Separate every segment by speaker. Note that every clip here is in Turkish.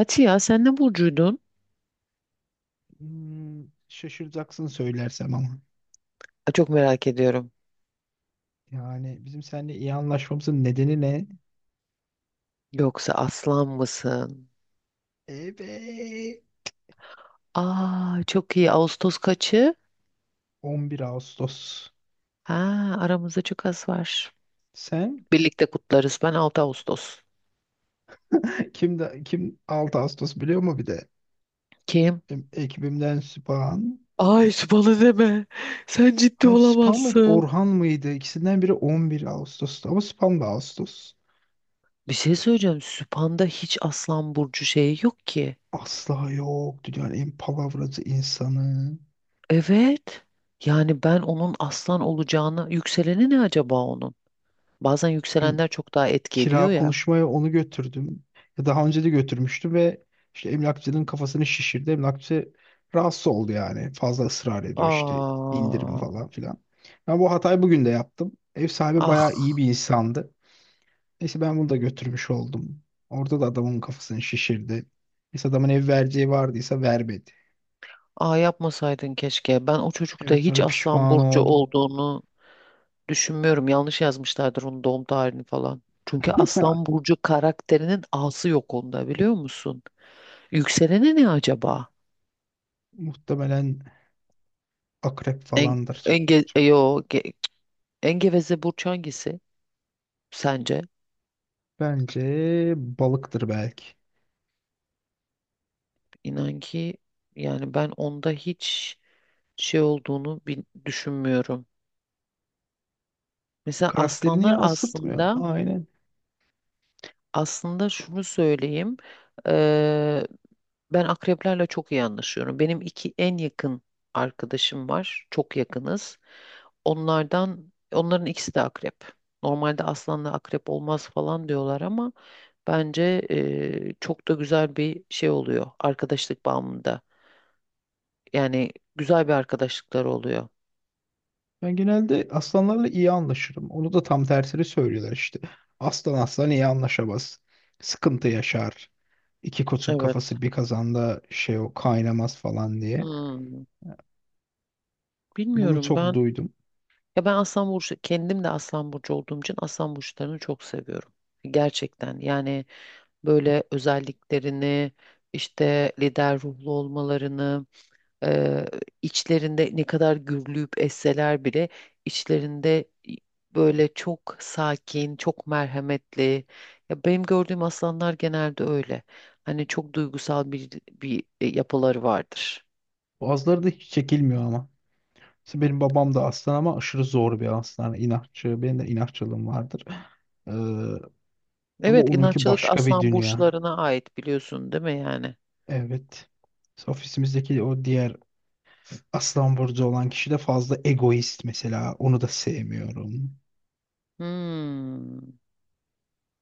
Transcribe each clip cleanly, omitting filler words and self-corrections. Speaker 1: Ati ya sen ne burcuydun?
Speaker 2: Şaşıracaksın söylersem ama.
Speaker 1: Aa, çok merak ediyorum.
Speaker 2: Yani bizim seninle iyi anlaşmamızın nedeni ne?
Speaker 1: Yoksa aslan mısın?
Speaker 2: Evet.
Speaker 1: Aa, çok iyi. Ağustos kaçı?
Speaker 2: 11 Ağustos.
Speaker 1: Ha, aramızda çok az var.
Speaker 2: Sen
Speaker 1: Birlikte kutlarız. Ben 6 Ağustos.
Speaker 2: kim de kim 6 Ağustos biliyor mu bir de?
Speaker 1: Kim?
Speaker 2: Benim ekibimden Süphan.
Speaker 1: Ay, bana deme. Sen ciddi
Speaker 2: Hayır, Süphan mıydı?
Speaker 1: olamazsın.
Speaker 2: Orhan mıydı? İkisinden biri 11 Ağustos'tu ama Süphan da Ağustos.
Speaker 1: Bir şey söyleyeceğim. Süphan'da hiç aslan burcu şeyi yok ki.
Speaker 2: Asla yok. Dünyanın en palavracı insanı.
Speaker 1: Evet. Yani ben onun aslan olacağını... Yükseleni ne acaba onun? Bazen
Speaker 2: Gün,
Speaker 1: yükselenler çok daha etki ediyor
Speaker 2: kira
Speaker 1: ya.
Speaker 2: konuşmaya onu götürdüm. Ya daha önce de götürmüştüm ve işte emlakçının kafasını şişirdi. Emlakçı rahatsız oldu yani. Fazla ısrar ediyor, işte indirim
Speaker 1: Aa,
Speaker 2: falan filan. Ben bu hatayı bugün de yaptım. Ev sahibi bayağı
Speaker 1: ah.
Speaker 2: iyi bir insandı. Neyse, ben bunu da götürmüş oldum. Orada da adamın kafasını şişirdi. Neyse, adamın ev vereceği vardıysa vermedi.
Speaker 1: Aa, yapmasaydın keşke. Ben o çocukta
Speaker 2: Evet,
Speaker 1: hiç
Speaker 2: sonra
Speaker 1: Aslan
Speaker 2: pişman
Speaker 1: Burcu
Speaker 2: oldum.
Speaker 1: olduğunu düşünmüyorum. Yanlış yazmışlardır onun doğum tarihini falan. Çünkü Aslan Burcu karakterinin A'sı yok onda, biliyor musun? Yükseleni ne acaba?
Speaker 2: Muhtemelen akrep
Speaker 1: En,
Speaker 2: falandır.
Speaker 1: enge, e,
Speaker 2: Çok
Speaker 1: yo, ge- en geveze burç hangisi sence?
Speaker 2: bence balıktır belki.
Speaker 1: İnan ki yani ben onda hiç şey olduğunu düşünmüyorum. Mesela
Speaker 2: Karakterini
Speaker 1: aslanlar
Speaker 2: yansıtmıyor.
Speaker 1: aslında
Speaker 2: Aynen.
Speaker 1: aslında şunu söyleyeyim. Ben akreplerle çok iyi anlaşıyorum. Benim iki en yakın arkadaşım var. Çok yakınız. Onların ikisi de akrep. Normalde aslanla akrep olmaz falan diyorlar ama bence çok da güzel bir şey oluyor arkadaşlık bağımında. Yani güzel bir arkadaşlıklar oluyor.
Speaker 2: Ben genelde aslanlarla iyi anlaşırım. Onu da tam tersini söylüyorlar işte. Aslan aslan iyi anlaşamaz. Sıkıntı yaşar. İki koçun
Speaker 1: Evet.
Speaker 2: kafası bir kazanda şey o kaynamaz falan diye.
Speaker 1: Hmm,
Speaker 2: Bunu
Speaker 1: Bilmiyorum
Speaker 2: çok
Speaker 1: ben.
Speaker 2: duydum.
Speaker 1: Ya ben Aslan Burcu, kendim de Aslan Burcu olduğum için Aslan Burçlarını çok seviyorum. Gerçekten yani böyle özelliklerini, işte lider ruhlu olmalarını, eee, içlerinde ne kadar gürlüyüp esseler bile içlerinde böyle çok sakin, çok merhametli. Ya benim gördüğüm aslanlar genelde öyle. Hani çok duygusal bir yapıları vardır.
Speaker 2: Bazıları da hiç çekilmiyor ama. Mesela benim babam da aslan ama aşırı zor bir aslan. İnatçı. Benim de inatçılığım vardır. Ee, ama
Speaker 1: Evet,
Speaker 2: onunki
Speaker 1: inatçılık
Speaker 2: başka bir
Speaker 1: aslan
Speaker 2: dünya.
Speaker 1: burçlarına ait, biliyorsun değil mi yani?
Speaker 2: Evet. Mesela ofisimizdeki o diğer aslan burcu olan kişi de fazla egoist mesela. Onu da sevmiyorum.
Speaker 1: Hmm.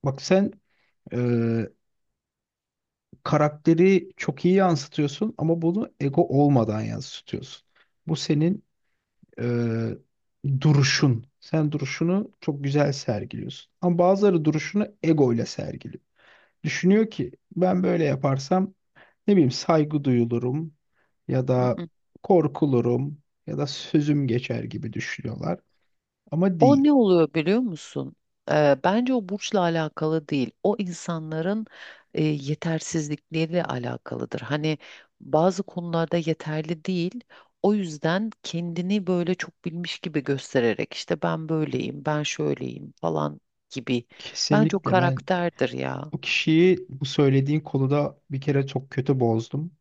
Speaker 2: Bak sen, e, karakteri çok iyi yansıtıyorsun ama bunu ego olmadan yansıtıyorsun. Bu senin e, duruşun. Sen duruşunu çok güzel sergiliyorsun. Ama bazıları duruşunu ego ile sergiliyor. Düşünüyor ki ben böyle yaparsam ne bileyim saygı duyulurum ya da korkulurum ya da sözüm geçer gibi düşünüyorlar. Ama
Speaker 1: O
Speaker 2: değil.
Speaker 1: ne oluyor biliyor musun? Bence o burçla alakalı değil. O insanların yetersizlikleriyle alakalıdır. Hani bazı konularda yeterli değil. O yüzden kendini böyle çok bilmiş gibi göstererek işte ben böyleyim, ben şöyleyim falan gibi. Bence o
Speaker 2: Kesinlikle ben
Speaker 1: karakterdir ya.
Speaker 2: o kişiyi bu söylediğin konuda bir kere çok kötü bozdum.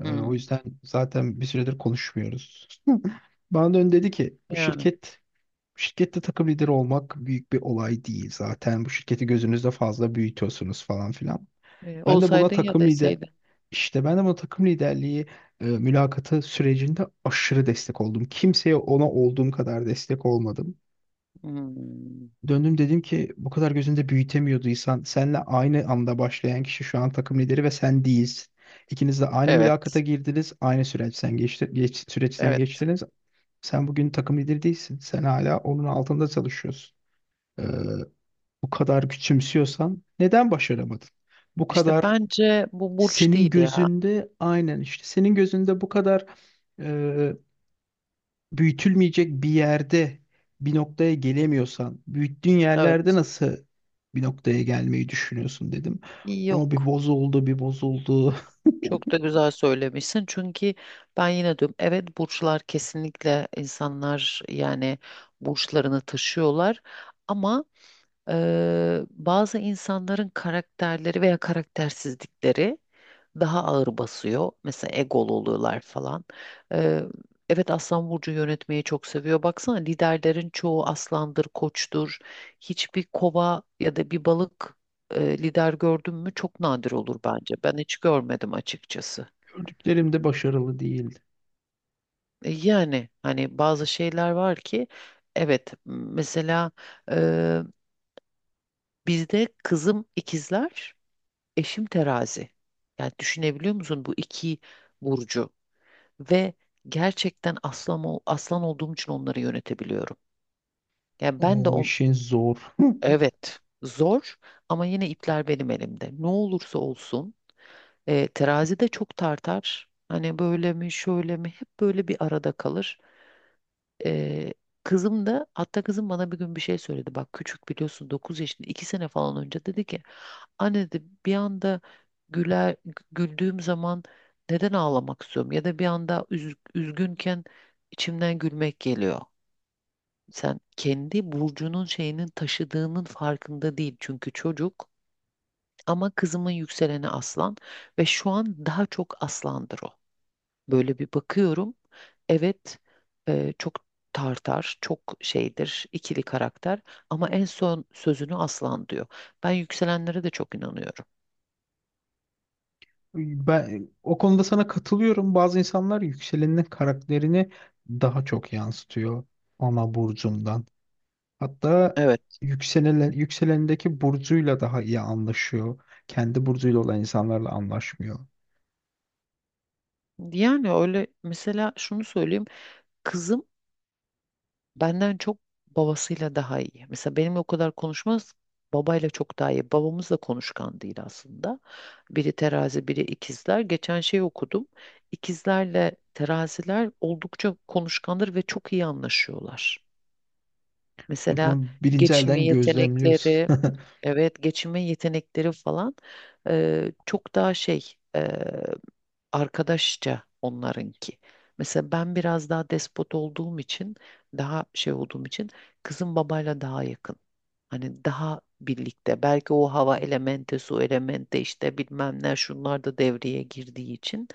Speaker 2: O
Speaker 1: Hmm,
Speaker 2: yüzden zaten bir süredir konuşmuyoruz. Bana dön dedi ki bu
Speaker 1: Yani
Speaker 2: şirket şirkette takım lideri olmak büyük bir olay değil zaten. Bu şirketi gözünüzde fazla büyütüyorsunuz falan filan. Ben de buna
Speaker 1: olsaydın ya
Speaker 2: takım lider
Speaker 1: deseydin.
Speaker 2: işte ben de buna takım liderliği mülakatı sürecinde aşırı destek oldum. Kimseye ona olduğum kadar destek olmadım.
Speaker 1: Hmm,
Speaker 2: Döndüm, dedim ki bu kadar gözünde büyütemiyorduysan senle aynı anda başlayan kişi şu an takım lideri ve sen değilsin. İkiniz de aynı mülakata
Speaker 1: evet,
Speaker 2: girdiniz, aynı süreçten
Speaker 1: evet.
Speaker 2: geçtiniz. Sen bugün takım lideri değilsin. Sen hala onun altında çalışıyorsun. Ee, bu kadar küçümsüyorsan neden başaramadın? Bu
Speaker 1: İşte
Speaker 2: kadar
Speaker 1: bence bu burç
Speaker 2: Senin
Speaker 1: değil ya.
Speaker 2: gözünde, aynen işte, senin gözünde bu kadar e, büyütülmeyecek bir yerde bir noktaya gelemiyorsan büyüttüğün yerlerde
Speaker 1: Evet,
Speaker 2: nasıl bir noktaya gelmeyi düşünüyorsun, dedim. O bir
Speaker 1: yok.
Speaker 2: bozuldu bir bozuldu.
Speaker 1: Çok da güzel söylemişsin. Çünkü ben yine diyorum evet, burçlar kesinlikle insanlar yani burçlarını taşıyorlar. Ama bazı insanların karakterleri veya karaktersizlikleri daha ağır basıyor. Mesela egolu oluyorlar falan. Eee, evet, Aslan Burcu yönetmeyi çok seviyor. Baksana liderlerin çoğu aslandır, koçtur. Hiçbir kova ya da bir balık lider gördün mü? Çok nadir olur bence. Ben hiç görmedim açıkçası.
Speaker 2: Gördüklerim de başarılı değildi.
Speaker 1: Yani hani bazı şeyler var ki evet, mesela eee, bizde kızım ikizler. Eşim terazi. Yani düşünebiliyor musun bu iki burcu ve gerçekten aslan olduğum için onları yönetebiliyorum. Yani ben de
Speaker 2: O işin zor.
Speaker 1: evet, zor ama yine ipler benim elimde. Ne olursa olsun terazi de çok tartar. Hani böyle mi şöyle mi, hep böyle bir arada kalır. Ee, Kızım da, hatta kızım bana bir gün bir şey söyledi. Bak, küçük biliyorsun, 9 yaşında, 2 sene falan önce dedi ki anne dedi, bir anda güler güldüğüm zaman neden ağlamak istiyorum ya da bir anda üzgünken içimden gülmek geliyor. Sen kendi burcunun şeyinin taşıdığının farkında değil çünkü çocuk, ama kızımın yükseleni aslan ve şu an daha çok aslandır o. Böyle bir bakıyorum. Evet, çok tartar, çok şeydir, ikili karakter ama en son sözünü aslan diyor. Ben yükselenlere de çok inanıyorum.
Speaker 2: Ben o konuda sana katılıyorum. Bazı insanlar yükselenin karakterini daha çok yansıtıyor ana burcundan. Hatta
Speaker 1: Evet.
Speaker 2: yükselendeki burcuyla daha iyi anlaşıyor. Kendi burcuyla olan insanlarla anlaşmıyor.
Speaker 1: Yani öyle, mesela şunu söyleyeyim. Kızım benden çok babasıyla daha iyi. Mesela benimle o kadar konuşmaz. Babayla çok daha iyi. Babamız da konuşkan değil aslında. Biri terazi, biri ikizler. Geçen şey okudum. İkizlerle teraziler oldukça konuşkandır ve çok iyi anlaşıyorlar.
Speaker 2: Ve
Speaker 1: Mesela
Speaker 2: bunu birinci
Speaker 1: geçinme
Speaker 2: elden
Speaker 1: yetenekleri,
Speaker 2: gözlemliyorsun.
Speaker 1: evet, geçinme yetenekleri falan çok daha şey, e, arkadaşça onlarınki. Mesela ben biraz daha despot olduğum için, daha şey olduğum için kızım babayla daha yakın. Hani daha birlikte. Belki o hava elementi, su elementi işte bilmem ne, şunlar da devreye girdiği için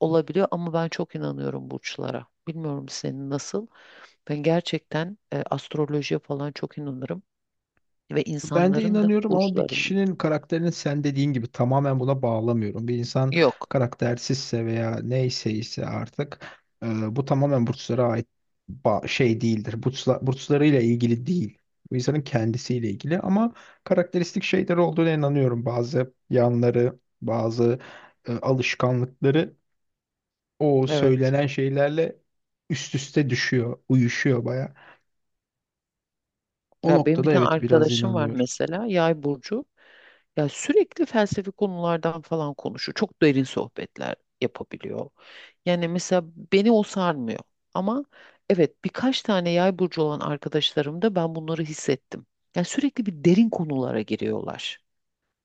Speaker 1: olabiliyor ama ben çok inanıyorum burçlara. Bilmiyorum, senin nasıl? Ben gerçekten astrolojiye falan çok inanırım ve
Speaker 2: Ben de
Speaker 1: insanların da
Speaker 2: inanıyorum ama bir
Speaker 1: burçlarını.
Speaker 2: kişinin karakterini, sen dediğin gibi, tamamen buna bağlamıyorum. Bir insan
Speaker 1: Yok.
Speaker 2: karaktersizse veya neyse ise artık bu tamamen burçlara ait şey değildir. Burçlarıyla ilgili değil. Bu insanın kendisiyle ilgili ama karakteristik şeyler olduğuna inanıyorum. Bazı yanları, bazı alışkanlıkları o
Speaker 1: Evet.
Speaker 2: söylenen şeylerle üst üste düşüyor, uyuşuyor baya. O
Speaker 1: Ya benim bir
Speaker 2: noktada
Speaker 1: tane
Speaker 2: evet, biraz
Speaker 1: arkadaşım var
Speaker 2: inanıyorum.
Speaker 1: mesela, Yay burcu. Ya sürekli felsefi konulardan falan konuşuyor. Çok derin sohbetler yapabiliyor. Yani mesela beni o sarmıyor. Ama evet, birkaç tane Yay burcu olan arkadaşlarımda ben bunları hissettim. Yani sürekli bir derin konulara giriyorlar.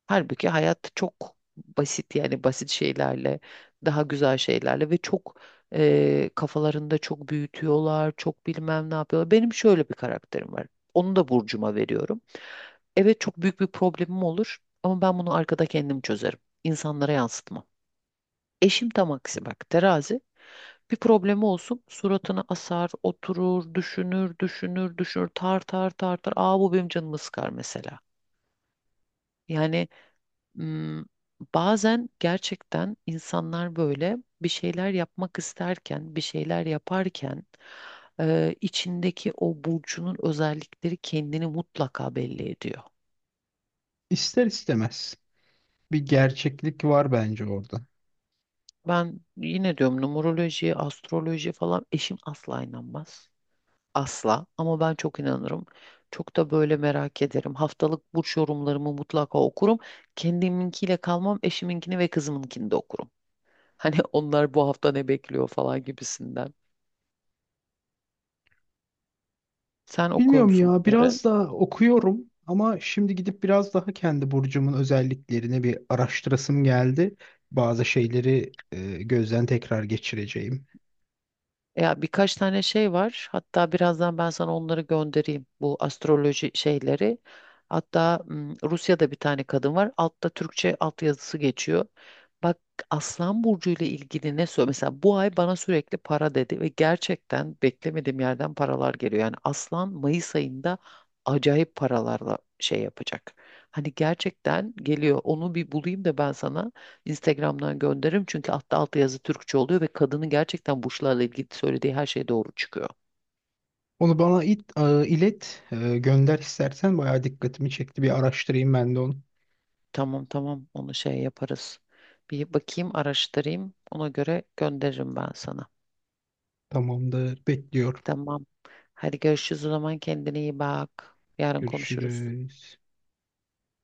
Speaker 1: Halbuki hayat çok basit, yani basit şeylerle, daha güzel şeylerle ve çok kafalarında çok büyütüyorlar, çok bilmem ne yapıyorlar. Benim şöyle bir karakterim var. Onu da burcuma veriyorum. Evet, çok büyük bir problemim olur ama ben bunu arkada kendim çözerim. İnsanlara yansıtmam. Eşim tam aksi bak, terazi. Bir problemi olsun suratına asar, oturur, düşünür, düşünür, düşünür, tar tar tar tar. Aa, bu benim canımı sıkar mesela. Yani m, bazen gerçekten insanlar böyle bir şeyler yapmak isterken, bir şeyler yaparken içindeki o burcunun özellikleri kendini mutlaka belli ediyor.
Speaker 2: İster istemez bir gerçeklik var bence orada.
Speaker 1: Ben yine diyorum, numeroloji, astroloji falan eşim asla inanmaz. Asla, ama ben çok inanırım. Çok da böyle merak ederim. Haftalık burç yorumlarımı mutlaka okurum. Kendiminkiyle kalmam, eşiminkini ve kızımınkini de okurum. Hani onlar bu hafta ne bekliyor falan gibisinden. Sen okuyor
Speaker 2: Bilmiyorum
Speaker 1: musun
Speaker 2: ya,
Speaker 1: bunları?
Speaker 2: biraz da okuyorum ama şimdi gidip biraz daha kendi burcumun özelliklerini bir araştırasım geldi. Bazı şeyleri gözden tekrar geçireceğim.
Speaker 1: Ya birkaç tane şey var. Hatta birazdan ben sana onları göndereyim, bu astroloji şeyleri. Hatta Rusya'da bir tane kadın var. Altta Türkçe altyazısı geçiyor. Bak, Aslan Burcu ile ilgili ne söylüyor? Mesela bu ay bana sürekli para dedi ve gerçekten beklemediğim yerden paralar geliyor. Yani Aslan Mayıs ayında acayip paralarla şey yapacak. Hani gerçekten geliyor. Onu bir bulayım da ben sana Instagram'dan gönderirim, çünkü altta alt yazı Türkçe oluyor ve kadının gerçekten burçlarla ilgili söylediği her şey doğru çıkıyor.
Speaker 2: Onu bana it, e, ilet, e, gönder istersen, bayağı dikkatimi çekti. Bir araştırayım ben de onu.
Speaker 1: Tamam, tamam, onu şey yaparız. Bir bakayım, araştırayım, ona göre gönderirim ben sana.
Speaker 2: Tamamdır, bekliyorum.
Speaker 1: Tamam. Hadi görüşürüz o zaman, kendine iyi bak. Yarın konuşuruz.
Speaker 2: Görüşürüz.